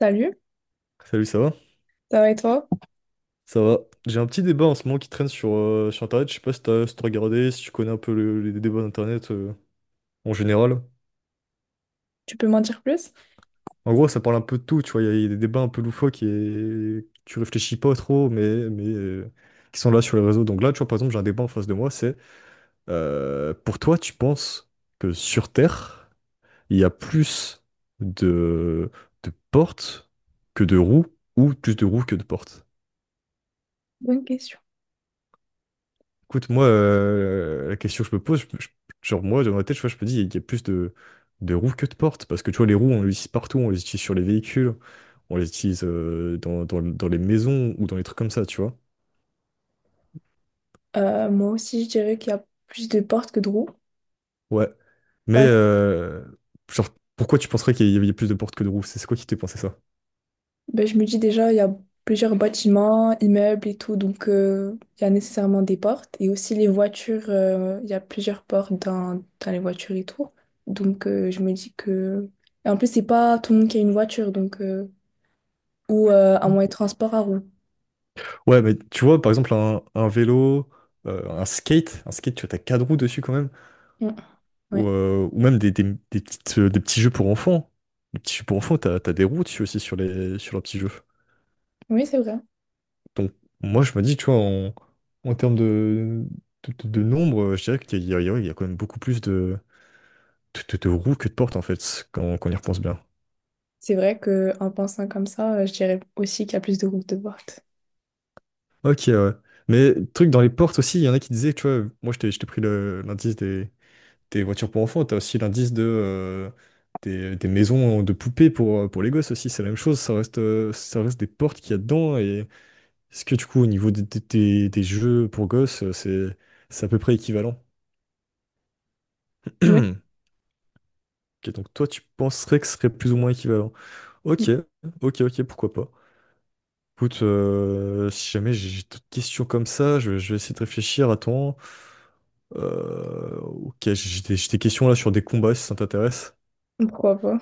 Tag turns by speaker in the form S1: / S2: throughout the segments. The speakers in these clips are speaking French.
S1: Salut,
S2: Salut, ça va?
S1: ça va et toi?
S2: Ça va. J'ai un petit débat en ce moment qui traîne sur Internet. Je sais pas si t'as regardé, si tu connais un peu les débats d'Internet en général.
S1: Tu peux m'en dire plus?
S2: En gros, ça parle un peu de tout, tu vois. Il y a des débats un peu loufoques et que tu réfléchis pas trop, mais qui sont là sur les réseaux. Donc là, tu vois, par exemple, j'ai un débat en face de moi, c'est, pour toi, tu penses que sur Terre, il y a plus de, de portes que de roues ou plus de roues que de portes?
S1: Bonne question.
S2: Écoute, moi, la question que je me pose, genre moi, dans ma tête, tu vois, je me dis, il y a plus de roues que de portes, parce que tu vois, les roues, on les utilise partout, on les utilise sur les véhicules, on les utilise dans les maisons ou dans les trucs comme ça, tu vois.
S1: Moi aussi, je dirais qu'il y a plus de portes que de roues.
S2: Ouais. Mais,
S1: Parce-
S2: genre, pourquoi tu penserais qu'il y avait plus de portes que de roues? C'est quoi qui t'est pensé ça?
S1: ben, je me dis déjà, il y a plusieurs bâtiments, immeubles et tout, donc il y a nécessairement des portes. Et aussi les voitures, il y a plusieurs portes dans les voitures et tout. Donc je me dis que. Et en plus, c'est pas tout le monde qui a une voiture, donc, ou un moyen de transport à roues.
S2: Ouais, mais tu vois, par exemple, un vélo, un skate, tu vois, t'as quatre roues dessus quand même,
S1: Mm,
S2: ou,
S1: ouais.
S2: euh, ou même des petits jeux pour enfants. Les petits jeux pour enfants, t'as des roues dessus aussi sur leurs petits jeux.
S1: Oui, c'est vrai.
S2: Donc, moi, je me dis, tu vois, en termes de nombre, je dirais qu'il y a, il y a quand même beaucoup plus de roues que de portes, en fait, quand on y repense bien.
S1: C'est vrai qu'en pensant comme ça, je dirais aussi qu'il y a plus de roues que de portes.
S2: Ok, ouais. Mais truc dans les portes aussi, il y en a qui disaient, tu vois, moi, je t'ai pris l'indice des tes voitures pour enfants, t'as aussi l'indice des maisons de poupées pour les gosses aussi, c'est la même chose, ça reste des portes qu'il y a dedans, et est-ce que du coup au niveau des jeux pour gosses, c'est à peu près équivalent?
S1: Oui.
S2: Ok, donc toi tu penserais que ce serait plus ou moins équivalent. Ok, ok, ok, pourquoi pas. Écoute, si jamais j'ai d'autres questions comme ça, je vais essayer de réfléchir. Attends. Ok, j'ai des questions là sur des combats si ça t'intéresse.
S1: Pourquoi pas?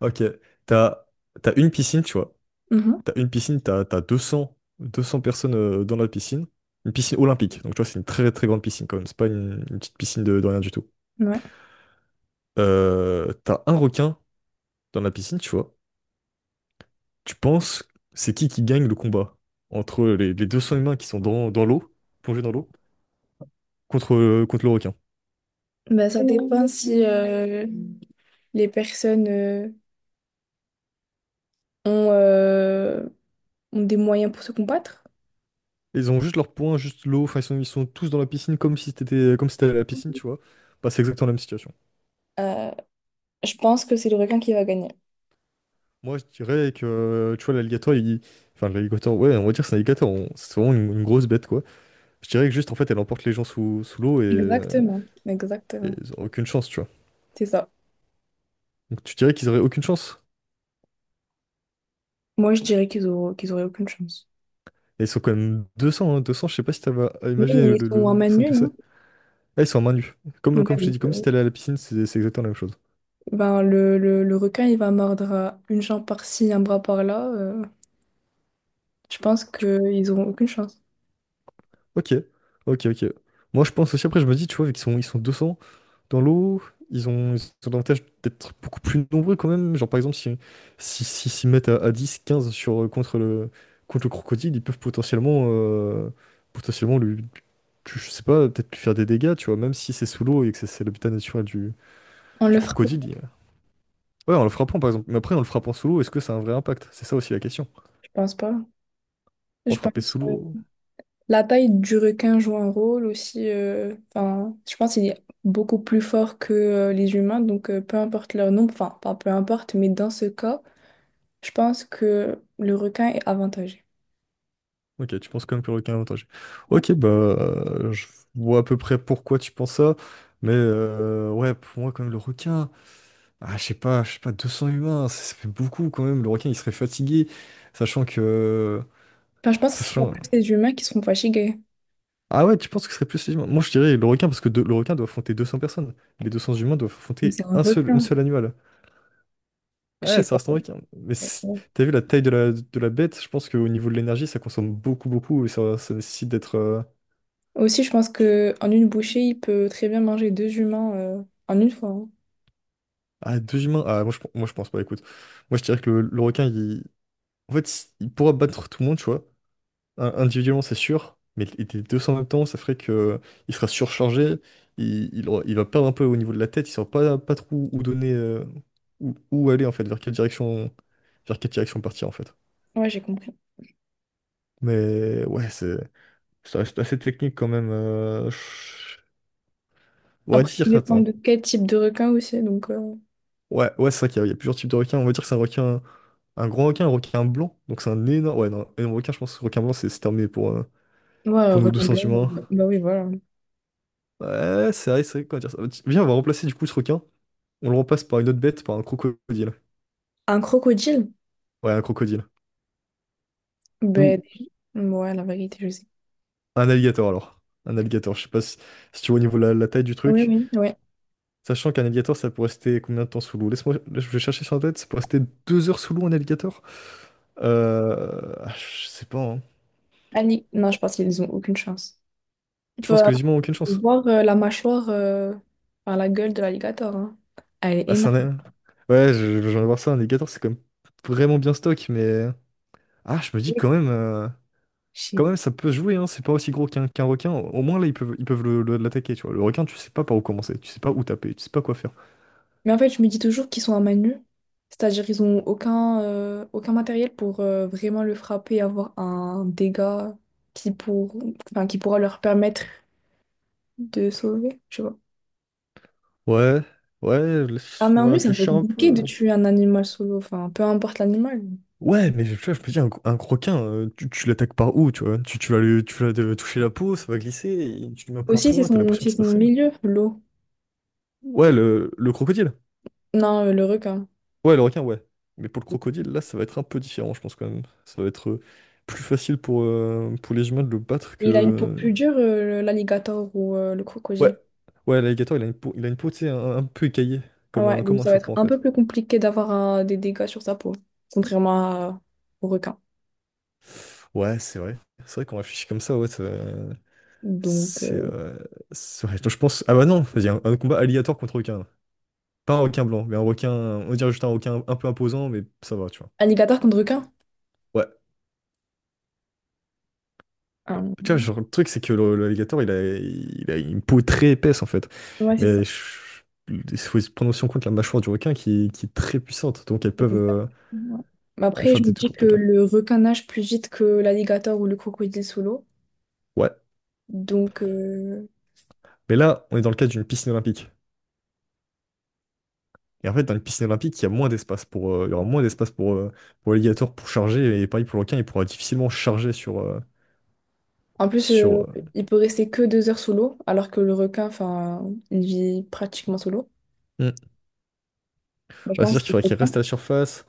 S2: Ok, t'as, t'as une piscine, tu vois.
S1: Mhm,
S2: T'as une piscine, t'as deux cents personnes dans la piscine. Une piscine olympique. Donc, tu vois, c'est une très, très grande piscine quand même. C'est pas une petite piscine de rien du tout.
S1: ouais.
S2: T'as un requin dans la piscine, tu vois. Tu penses, c'est qui gagne le combat entre les 200 humains qui sont dans l'eau, plongés dans l'eau, contre le requin.
S1: Ben, ça dépend si les personnes ont, euh, ont des moyens pour se combattre.
S2: Ils ont juste leur poing, juste l'eau. Enfin, ils sont tous dans la piscine comme si t'étais, comme si t'allais à la piscine, tu vois. Bah, c'est exactement la même situation.
S1: Euh, je pense que c'est le requin qui va gagner.
S2: Moi, je dirais tu vois, l'alligator, il. Enfin, l'alligator, ouais, on va dire que c'est un alligator. C'est vraiment une grosse bête, quoi. Je dirais que juste, en fait, elle emporte les gens sous l'eau et, euh,
S1: Exactement,
S2: et
S1: exactement.
S2: ils ont aucune chance, tu vois.
S1: C'est ça.
S2: Donc tu dirais qu'ils auraient aucune chance.
S1: Moi, je dirais qu'ils auront, qu'ils auraient aucune chance.
S2: Et ils sont quand même 200, hein, 200, je sais pas si t'as à
S1: Oui,
S2: imaginer
S1: mais
S2: le,
S1: ils
S2: le
S1: sont
S2: le
S1: en
S2: nombre de
S1: man
S2: personnes
S1: nue,
S2: que
S1: non?
S2: c'est. Ah, ils sont à main nue. Comme,
S1: Ouais,
S2: comme je t'ai
S1: donc,
S2: dit, comme si t'allais à la piscine, c'est exactement la même chose.
S1: ben, le requin, il va mordre à une jambe par-ci, un bras par-là. Je pense qu'ils auront aucune chance.
S2: Ok, ok, ok. Moi, je pense aussi, après, je me dis, tu vois, vu qu'ils sont 200 dans l'eau, ils ont l'avantage d'être beaucoup plus nombreux quand même. Genre, par exemple, s'ils mettent à 10, 15 contre le crocodile, ils peuvent potentiellement lui, je sais pas, peut-être lui faire des dégâts, tu vois, même si c'est sous l'eau et que c'est l'habitat naturel
S1: On
S2: du
S1: le frappe,
S2: crocodile. Ouais, en le frappant, par exemple. Mais après, en le frappant sous l'eau, est-ce que ça a un vrai impact? C'est ça aussi la question.
S1: je pense pas.
S2: On va
S1: Je
S2: frapper
S1: pense.
S2: sous l'eau.
S1: La taille du requin joue un rôle aussi. Enfin, je pense qu'il est beaucoup plus fort que les humains, donc peu importe leur nombre, enfin, pas peu importe, mais dans ce cas, je pense que le requin est avantagé.
S2: Ok, tu penses quand même que le requin a avantage. Ok, bah, je vois à peu près pourquoi tu penses ça, mais ouais, pour moi, quand même, le requin, ah, je sais pas, 200 humains, ça fait beaucoup quand même. Le requin, il serait fatigué, sachant que.
S1: Enfin, je pense que ce sera
S2: Sachant.
S1: plus les humains qui seront fatigués.
S2: Ah ouais, tu penses que ce serait plus les humains? Moi, je dirais le requin, parce que le requin doit affronter 200 personnes. Les 200 humains doivent
S1: Mais
S2: affronter
S1: c'est un
S2: un seul, une
S1: requin.
S2: seule animal.
S1: Je
S2: Ouais,
S1: sais
S2: ça
S1: pas.
S2: reste un requin. Mais
S1: Ouais.
S2: t'as vu la taille de la bête? Je pense qu'au niveau de l'énergie, ça consomme beaucoup, beaucoup, et ça nécessite d'être.
S1: Aussi, je pense que en une bouchée, il peut très bien manger deux humains, en une fois. Hein.
S2: Ah, deux humains? Ah, moi je pense pas, écoute. Moi je dirais que le requin, il. En fait, il pourra battre tout le monde, tu vois. Individuellement, c'est sûr, mais les deux en même temps, ça ferait que il, sera surchargé, il va perdre un peu au niveau de la tête, il saura pas trop où donner, où aller en fait, vers quelle direction partir en fait.
S1: Ouais, j'ai compris.
S2: Mais ouais, ça reste assez technique quand même. On va
S1: Après, ça
S2: dire,
S1: dépend
S2: attends.
S1: de quel type de requin aussi. Donc,
S2: Ouais, ouais, c'est vrai qu'il y a plusieurs types de requins. On va dire que c'est un requin, un grand requin, un requin blanc. Donc c'est un énorme, ouais, non, un énorme requin. Je pense que requin blanc, c'est terminé pour, euh,
S1: ouais,
S2: pour nos deux
S1: requin
S2: sens
S1: blanc.
S2: humains.
S1: Bah oui, voilà.
S2: Ouais, c'est vrai, comment dire ça. Viens, on va remplacer du coup ce requin. On le remplace par une autre bête, par un crocodile.
S1: Un crocodile?
S2: Ouais, un crocodile. Ou
S1: Ben, ouais, la vérité, je sais.
S2: un alligator alors. Un alligator, je sais pas si tu vois au niveau de la taille du
S1: Oui,
S2: truc.
S1: oui, oui.
S2: Sachant qu'un alligator, ça peut rester combien de temps sous l'eau? Laisse-moi, je vais chercher sur Internet, ça peut rester 2 heures sous l'eau, un alligator. Ah, je sais pas, hein.
S1: Non, je pense qu'ils ont aucune chance. Il
S2: Tu
S1: faut
S2: penses que les humains ont aucune chance?
S1: voir la mâchoire, enfin, la gueule de l'alligator. Hein. Elle est
S2: Ah, c'est
S1: énorme.
S2: un. Ouais, je viens de voir ça, un Légator, c'est quand même vraiment bien stock, mais. Ah, je me dis
S1: Je
S2: quand même.
S1: sais.
S2: Quand même, ça peut se jouer, hein, c'est pas aussi gros qu'un requin. Au moins, là, ils peuvent l'attaquer, tu vois. Le requin, tu sais pas par où commencer, tu sais pas où taper, tu sais pas quoi faire.
S1: Mais en fait, je me dis toujours qu'ils sont à main nue. C'est-à-dire qu'ils ont aucun matériel pour vraiment le frapper et avoir un dégât qui, enfin, qui pourra leur permettre de sauver. Je sais pas.
S2: Ouais, ouais,
S1: À main
S2: laisse-moi
S1: nue, c'est un peu
S2: réfléchir un
S1: compliqué de
S2: peu.
S1: tuer un animal solo. Enfin, peu importe l'animal.
S2: Ouais, mais tu vois, je me dis, un requin, tu l'attaques par où, tu vois? Tu vas le toucher la peau, ça va glisser, et tu lui mets un coup de
S1: Aussi, c'est
S2: poing, t'as
S1: son,
S2: l'impression
S1: c'est
S2: qu'il se passe
S1: son
S2: rien.
S1: milieu, l'eau.
S2: Ouais, le crocodile.
S1: Non, le requin.
S2: Ouais, le requin, ouais. Mais pour le crocodile, là, ça va être un peu différent, je pense quand même. Ça va être plus facile pour les humains de le battre que.
S1: Il a une peau
S2: euh,
S1: plus dure, l'alligator ou le
S2: Ouais,
S1: crocodile.
S2: ouais, l'alligator, il a une peau, tu sais, un peu écaillée,
S1: Ah
S2: comme
S1: ouais,
S2: un,
S1: donc
S2: comme un
S1: ça va être
S2: serpent en
S1: un
S2: fait.
S1: peu plus compliqué d'avoir des dégâts sur sa peau, contrairement au requin.
S2: Ouais, c'est vrai. C'est vrai qu'on réfléchit comme ça, ouais.
S1: Donc,
S2: C'est. euh, c'est vrai. Donc, je pense. Ah bah non, vas-y, un combat alligator contre requin. Pas un requin blanc, mais un requin. On dirait juste un requin un peu imposant, mais ça va, tu vois.
S1: alligator contre requin?
S2: Ouais.
S1: Ah,
S2: Tu vois, genre, le truc, c'est que l'alligator, il a une peau très épaisse, en fait.
S1: ouais, c'est ça.
S2: Mais il faut se prendre aussi en compte la mâchoire du requin qui est très puissante. Donc, elles peuvent,
S1: Exact.
S2: euh,
S1: Ouais. Mais
S2: peuvent
S1: après,
S2: faire
S1: je me
S2: des tout
S1: dis
S2: lourds
S1: que
S2: dégâts.
S1: le requin nage plus vite que l'alligator ou le crocodile sous l'eau.
S2: Ouais.
S1: Donc,
S2: Mais là, on est dans le cadre d'une piscine olympique. Et en fait, dans une piscine olympique, il y aura moins d'espace pour l'alligator pour charger. Et pareil pour le requin, il pourra difficilement charger sur.
S1: en plus,
S2: Sur
S1: il peut rester que 2 heures sous l'eau, alors que le requin, enfin, il vit pratiquement sous l'eau.
S2: hmm.
S1: Bah, je
S2: Ouais,
S1: pense
S2: c'est-à-dire
S1: que
S2: qu'il faudrait
S1: c'est le
S2: qu'il
S1: requin.
S2: reste à la surface.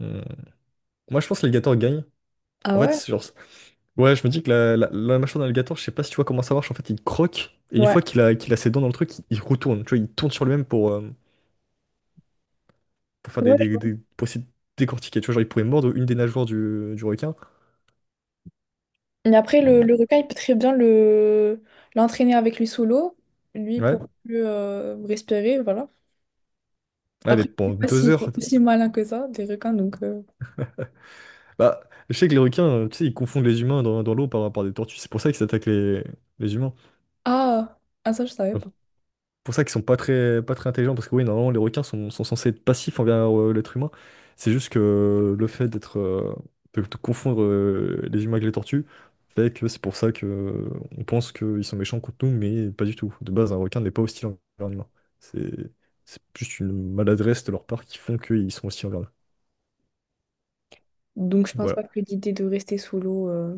S2: Hmm. Moi, je pense que l'alligator gagne.
S1: Ah
S2: En fait,
S1: ouais?
S2: c'est genre. Ouais, je me dis que la mâchoire d'un alligator, je sais pas si tu vois comment ça marche, en fait, il croque, et une
S1: Ouais.
S2: fois qu'il a ses dents dans le truc, il retourne, tu vois, il tourne sur lui-même pour faire
S1: Ouais,
S2: pour essayer de décortiquer, tu vois, genre, il pourrait mordre une des nageoires du requin.
S1: mais après, le,
S2: Euh,
S1: le requin, il peut très bien le l'entraîner avec lui sous l'eau, lui
S2: Ouais,
S1: pour mieux respirer, voilà.
S2: ouais, mais
S1: Après, je
S2: pendant
S1: sais pas
S2: deux
S1: s'ils
S2: heures.
S1: sont aussi malins que ça, des requins, donc.
S2: Bah, je sais que les requins, tu sais, ils confondent les humains dans l'eau par des tortues, c'est pour ça qu'ils attaquent les humains.
S1: Ah, ah, ça, je savais pas.
S2: Pour ça qu'ils sont pas très, pas très intelligents, parce que oui, normalement, les requins sont censés être passifs envers l'être humain. C'est juste que le fait d'être, de confondre les humains avec les tortues, fait que c'est pour ça que on pense qu'ils sont méchants contre nous, mais pas du tout. De base, un requin n'est pas hostile envers un humain. C'est, c'est juste une maladresse de leur part qui font qu'ils sont hostiles envers nous.
S1: Donc, je pense pas
S2: Voilà.
S1: que l'idée de rester sous l'eau... euh,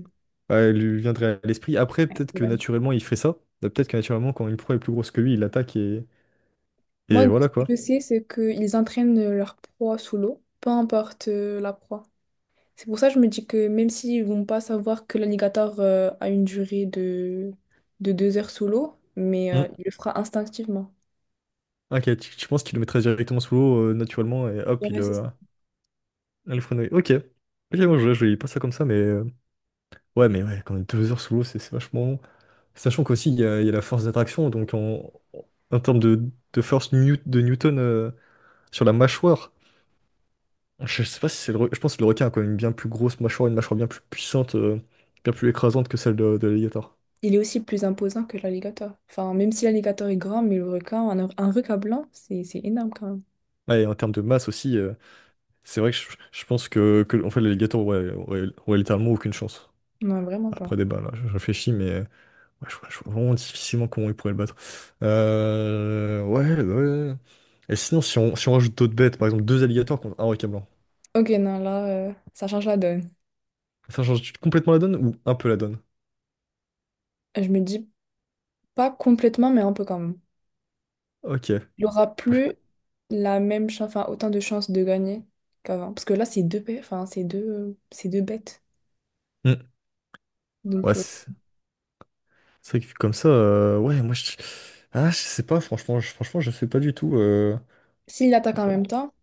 S2: Ouais, elle lui viendrait à l'esprit. Après, peut-être que
S1: ouais.
S2: naturellement, il ferait ça. Bah, peut-être que naturellement, quand une proie est plus grosse que lui, il l'attaque et,
S1: Moi,
S2: et
S1: ce
S2: voilà quoi.
S1: que je sais, c'est qu'ils entraînent leur proie sous l'eau, peu importe la proie. C'est pour ça que je me dis que même s'ils vont pas savoir que l'alligator a une durée de 2 heures sous l'eau, mais il le fera instinctivement.
S2: Ah, ok, tu penses qu'il le mettrait directement sous l'eau naturellement et hop, il,
S1: Ouais, c'est
S2: euh, le freinerait. Ok. Ok, moi je voyais pas ça comme ça, mais ouais, mais ouais, quand même 2 heures sous l'eau, c'est vachement long. Sachant qu'aussi, il y a la force d'attraction, donc en termes de force de Newton sur la mâchoire, je sais pas si c'est le. Je pense que le requin a quand même une bien plus grosse mâchoire, une mâchoire bien plus puissante, bien plus écrasante que celle de l'alligator.
S1: Il est aussi plus imposant que l'alligator. Enfin, même si l'alligator est grand, mais le requin, un requin blanc, c'est énorme quand même.
S2: Ouais, et en termes de masse aussi, c'est vrai que je pense que en fait, l'alligator, ouais, ouais, ouais, littéralement aucune chance.
S1: Non, vraiment pas.
S2: Après débat, là, je réfléchis, mais. Ouais, je vois vraiment difficilement comment ils pourraient le battre. Ouais, ouais. Ouais. Et sinon, si on rajoute d'autres bêtes, par exemple deux alligators contre un requin blanc,
S1: Ok, non, là, ça change la donne.
S2: ça change complètement la donne ou un peu la donne?
S1: Je me dis pas complètement, mais un peu quand même.
S2: Ok.
S1: Il aura plus la même chance, enfin, autant de chances de gagner qu'avant. Parce que là, c'est deux, enfin, c'est deux bêtes.
S2: Hmm. Ouais,
S1: Donc,
S2: c'est vrai que vu comme ça, ouais, moi je. Ah, je sais pas, franchement, je sais pas du tout.
S1: s'il attaque
S2: Bah,
S1: en même temps,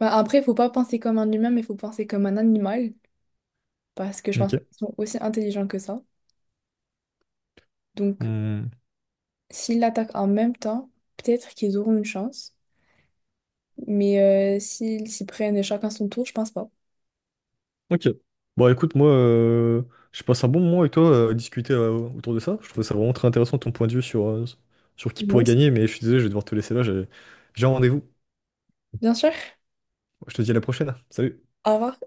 S1: bah, après, il faut pas penser comme un humain, mais il faut penser comme un animal. Parce que je pense
S2: ok.
S1: qu'ils sont aussi intelligents que ça. Donc,
S2: Hmm.
S1: s'ils l'attaquent en même temps, peut-être qu'ils auront une chance. Mais s'ils s'y prennent chacun son tour, je pense pas.
S2: Ok. Bon, écoute, moi, je passe un bon moment avec toi à discuter autour de ça. Je trouvais ça vraiment très intéressant ton point de vue sur qui
S1: Moi
S2: pourrait
S1: aussi.
S2: gagner, mais je suis désolé, je vais devoir te laisser là, j'ai un rendez-vous.
S1: Bien sûr.
S2: Je te dis à la prochaine. Salut.
S1: Au revoir.